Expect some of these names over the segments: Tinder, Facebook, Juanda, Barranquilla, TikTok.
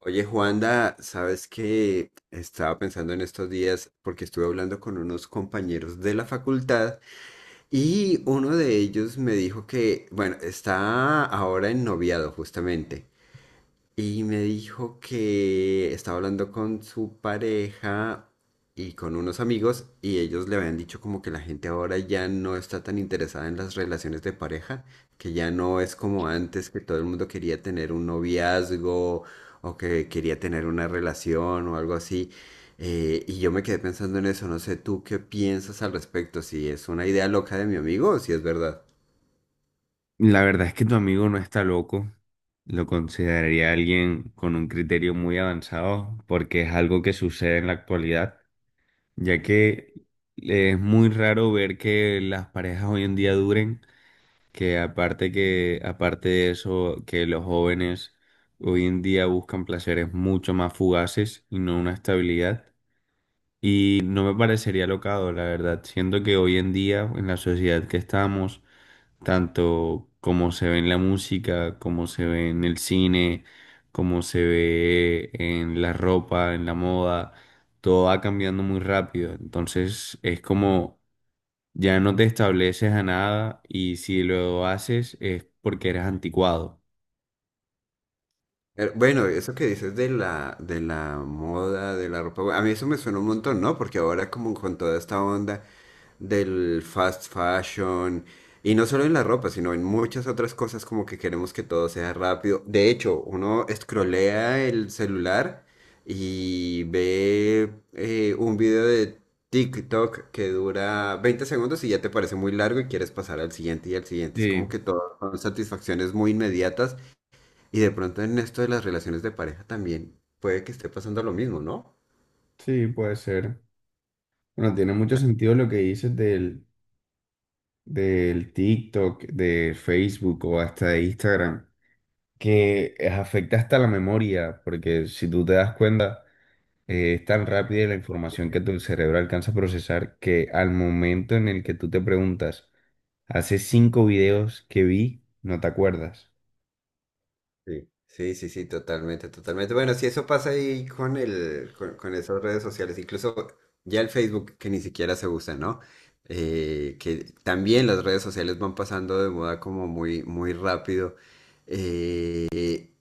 Oye, Juanda, sabes que estaba pensando en estos días porque estuve hablando con unos compañeros de la facultad y uno de ellos me dijo que, bueno, está ahora en noviado justamente y me dijo que estaba hablando con su pareja y con unos amigos y ellos le habían dicho como que la gente ahora ya no está tan interesada en las relaciones de pareja, que ya no es como antes que todo el mundo quería tener un noviazgo o que quería tener una relación o algo así. Y yo me quedé pensando en eso, no sé tú qué piensas al respecto, si es una idea loca de mi amigo o si es verdad. La verdad es que tu amigo no está loco. Lo consideraría alguien con un criterio muy avanzado porque es algo que sucede en la actualidad, ya que es muy raro ver que las parejas hoy en día duren, que aparte de eso, que los jóvenes hoy en día buscan placeres mucho más fugaces y no una estabilidad. Y no me parecería locado, la verdad. Siento que hoy en día, en la sociedad que estamos, tanto como se ve en la música, como se ve en el cine, como se ve en la ropa, en la moda, todo va cambiando muy rápido. Entonces es como ya no te estableces a nada y si lo haces es porque eres anticuado. Bueno, eso que dices de la moda, de la ropa, a mí eso me suena un montón, ¿no? Porque ahora como con toda esta onda del fast fashion, y no solo en la ropa, sino en muchas otras cosas como que queremos que todo sea rápido. De hecho, uno escrolea el celular y ve un video de TikTok que dura 20 segundos y ya te parece muy largo y quieres pasar al siguiente y al siguiente. Es Sí, como que todo son satisfacciones muy inmediatas y de pronto en esto de las relaciones de pareja también puede que esté pasando lo mismo, ¿no? sí, puede ser. Bueno, tiene mucho La- sentido lo que dices del TikTok, de Facebook o hasta de Instagram, que afecta hasta la memoria, porque si tú te das cuenta, es tan rápida la información que tu cerebro alcanza a procesar que al momento en el que tú te preguntas, hace 5 videos que vi, no te acuerdas. Sí, sí, sí, sí, totalmente, totalmente. Bueno, si eso pasa ahí con con esas redes sociales, incluso ya el Facebook que ni siquiera se usa, ¿no? Que también las redes sociales van pasando de moda como muy, muy rápido. Eh,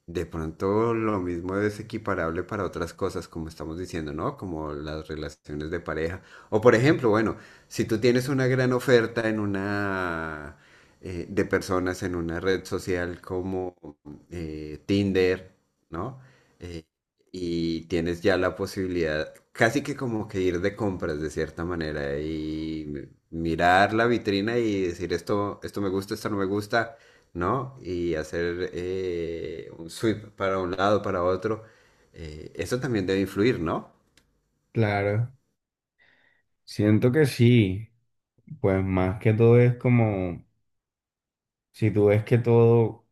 De pronto lo mismo es equiparable para otras cosas, como estamos diciendo, ¿no? Como las relaciones de pareja. O por ejemplo, bueno, si tú tienes una gran oferta en una de personas en una red social como Tinder, ¿no? Eh, y tienes ya la posibilidad, casi que como que ir de compras de cierta manera y mirar la vitrina y decir esto, esto me gusta, esto no me gusta, ¿no? Y hacer un sweep para un lado, para otro. Eso también debe influir, ¿no? Claro, siento que sí, pues más que todo es como, si tú ves que todo,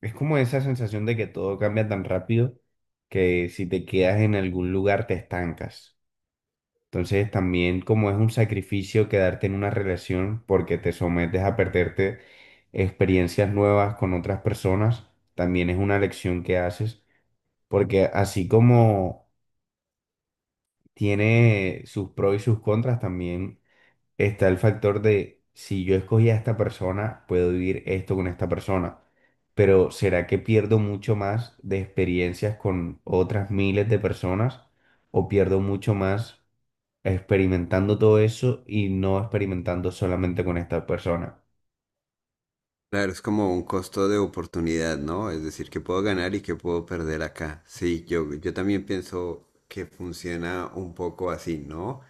es como esa sensación de que todo cambia tan rápido que si te quedas en algún lugar te estancas. Entonces también como es un sacrificio quedarte en una relación porque te sometes a perderte experiencias nuevas con otras personas, también es una lección que haces, porque así como tiene sus pros y sus contras, también está el factor de si yo escogí a esta persona, puedo vivir esto con esta persona, pero ¿será que pierdo mucho más de experiencias con otras miles de personas o pierdo mucho más experimentando todo eso y no experimentando solamente con esta persona? Claro, es como un costo de oportunidad, ¿no? Es decir, que puedo ganar y que puedo perder acá. Sí, yo también pienso que funciona un poco así, ¿no?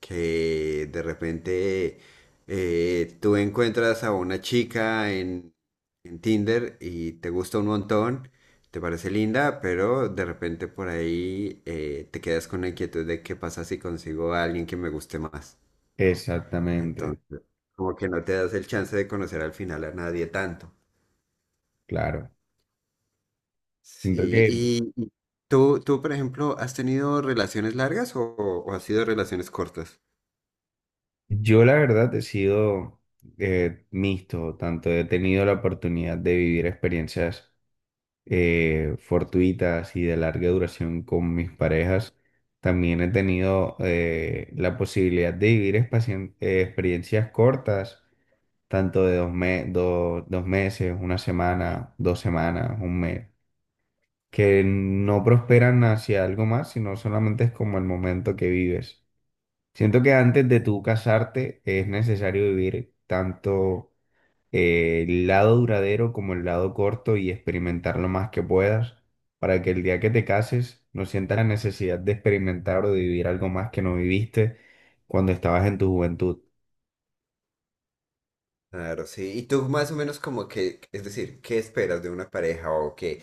Que de repente tú encuentras a una chica en Tinder y te gusta un montón, te parece linda, pero de repente por ahí te quedas con la inquietud de qué pasa si consigo a alguien que me guste más, ¿no? Exactamente, Entonces... Como que no te das el chance de conocer al final a nadie tanto. claro. Siento Sí, que y tú, por ejemplo, ¿has tenido relaciones largas o has sido relaciones cortas? yo la verdad he sido mixto, tanto he tenido la oportunidad de vivir experiencias fortuitas y de larga duración con mis parejas. También he tenido la posibilidad de vivir experiencias cortas, tanto de 2 meses, 1 semana, 2 semanas, un mes, que no prosperan hacia algo más, sino solamente es como el momento que vives. Siento que antes de tú casarte es necesario vivir tanto el lado duradero como el lado corto y experimentar lo más que puedas para que el día que te cases no sientas la necesidad de experimentar o de vivir algo más que no viviste cuando estabas en tu juventud. Claro, sí. Y tú más o menos como que, es decir, ¿qué esperas de una pareja o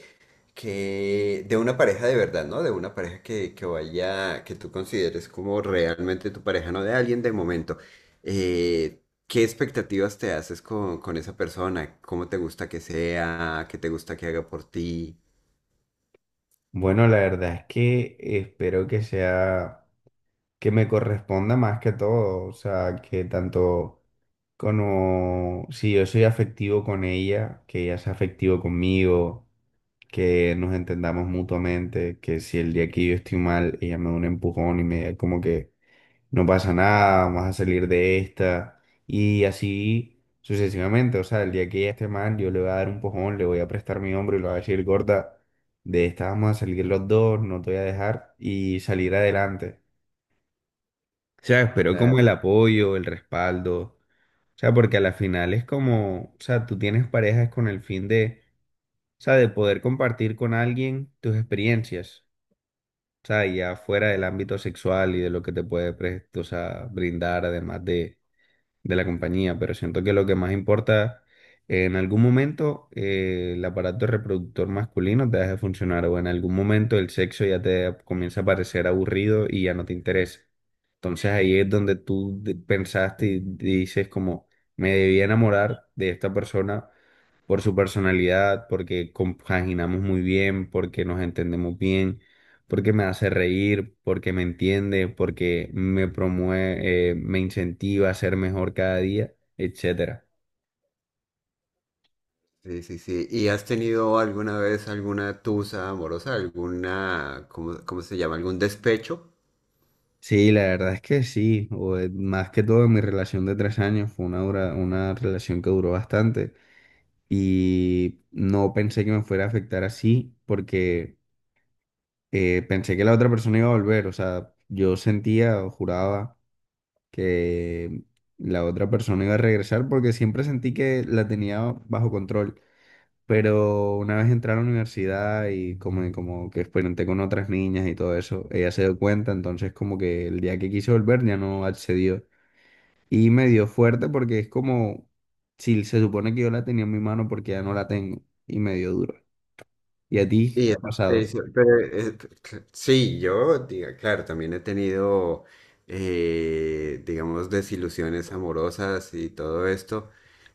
que de una pareja de verdad, ¿no? De una pareja que vaya, que tú consideres como realmente tu pareja, no de alguien de momento. Eh, ¿Qué expectativas te haces con esa persona? ¿Cómo te gusta que sea? ¿Qué te gusta que haga por ti? Bueno, la verdad es que espero que sea, que me corresponda más que todo, o sea, que tanto como si yo soy afectivo con ella, que ella sea afectivo conmigo, que nos entendamos mutuamente, que si el día que yo estoy mal, ella me da un empujón y me diga como que no pasa nada, vamos a salir de esta, y así sucesivamente. O sea, el día que ella esté mal, yo le voy a dar un empujón, le voy a prestar mi hombro y le voy a decir, gorda, de esta vamos a salir los dos, no te voy a dejar, y salir adelante. O sea, espero como el apoyo, el respaldo. O sea, porque a la final es como, o sea, tú tienes parejas con el fin de, o sea, de poder compartir con alguien tus experiencias, o sea, ya fuera del ámbito sexual y de lo que te puede, o sea, brindar además de la compañía, pero siento que lo que más importa, en algún momento el aparato reproductor masculino te deja de funcionar o en algún momento el sexo ya te comienza a parecer aburrido y ya no te interesa. Entonces ahí es donde pensaste y dices como, me debía enamorar de esta persona por su personalidad, porque compaginamos muy bien, porque nos entendemos bien, porque me hace reír, porque me entiende, porque me promueve, me incentiva a ser mejor cada día, etcétera. Sí, sí, sí. ¿Y has tenido alguna vez alguna tusa amorosa, alguna, ¿cómo, cómo se llama? ¿Algún despecho? Sí, la verdad es que sí, más que todo en mi relación de 3 años fue una relación que duró bastante, y no pensé que me fuera a afectar así porque pensé que la otra persona iba a volver, o sea, yo sentía o juraba que la otra persona iba a regresar porque siempre sentí que la tenía bajo control, pero una vez entré a la universidad y como, como que experimenté con otras niñas y todo eso, ella se dio cuenta, entonces como que el día que quise volver ya no accedió y me dio fuerte porque es como... si se supone que yo la tenía en mi mano porque ya no la tengo y me dio duro. ¿Y a ti Y te ha eso te pasado? dice, pero, sí, claro, también he tenido, digamos, desilusiones amorosas y todo esto.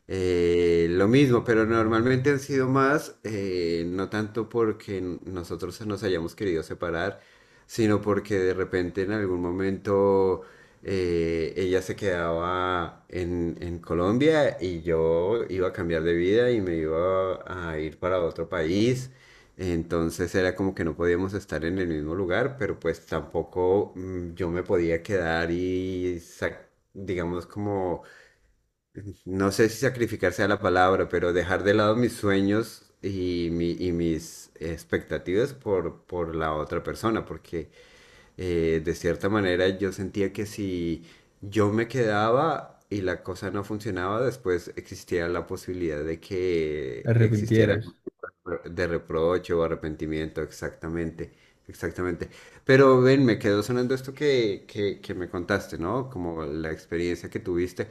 Eh, lo mismo, pero normalmente han sido más, no tanto porque nosotros nos hayamos querido separar, sino porque de repente en algún momento ella se quedaba en Colombia y yo iba a cambiar de vida y me iba a ir para otro país. Entonces era como que no podíamos estar en el mismo lugar, pero pues tampoco yo me podía quedar y, digamos como, no sé si sacrificar sea la palabra, pero dejar de lado mis sueños y, mis expectativas por la otra persona, porque de cierta manera yo sentía que si yo me quedaba y la cosa no funcionaba, después existía la posibilidad de ¿Te que existiera arrepintieras? algún tipo de reproche o arrepentimiento, exactamente, exactamente. Pero ven, me quedó sonando esto que me contaste, ¿no? Como la experiencia que tuviste.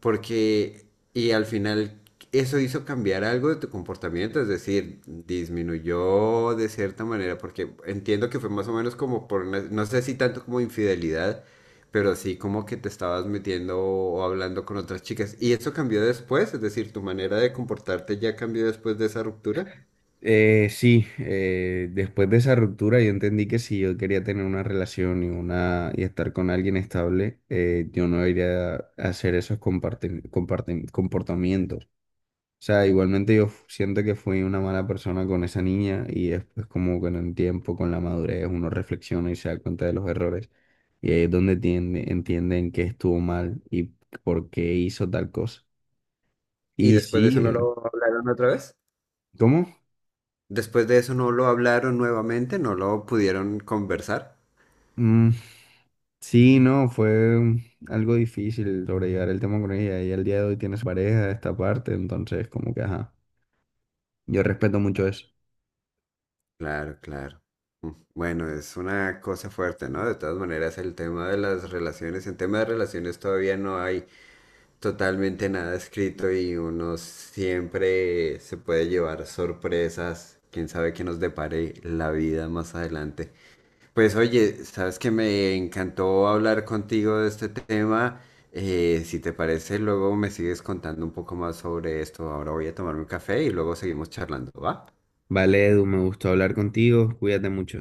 Porque, y al final eso hizo cambiar algo de tu comportamiento, es decir, disminuyó de cierta manera, porque entiendo que fue más o menos como por, no sé si tanto como infidelidad, pero sí como que te estabas metiendo o hablando con otras chicas. Y eso cambió después, es decir, tu manera de comportarte ya cambió después de esa ruptura. Sí, después de esa ruptura yo entendí que si yo quería tener una relación y estar con alguien estable, yo no iría a hacer esos comportamientos. O sea, igualmente siento que fui una mala persona con esa niña y después como con el tiempo, con la madurez, uno reflexiona y se da cuenta de los errores. Y ahí es donde entienden que estuvo mal y por qué hizo tal cosa. Y Y después de sí, eso no lo hablaron otra vez. ¿cómo? Después de eso no lo hablaron nuevamente, no lo pudieron conversar. Mm, sí, no, fue algo difícil sobrellevar el tema con ella. Ella al día de hoy tiene su pareja de esta parte, entonces como que, ajá, yo respeto mucho eso. Claro, claro. Mm, bueno, es una cosa fuerte, ¿no? De todas maneras, el tema de las relaciones, en tema de relaciones todavía no hay totalmente nada escrito y uno siempre se puede llevar sorpresas, quién sabe qué nos depare la vida más adelante. Pues oye, sabes que me encantó hablar contigo de este tema. Si te parece, luego me sigues contando un poco más sobre esto. Ahora voy a tomarme un café y luego seguimos charlando, ¿va? Vale, Edu, me gustó hablar contigo, cuídate mucho.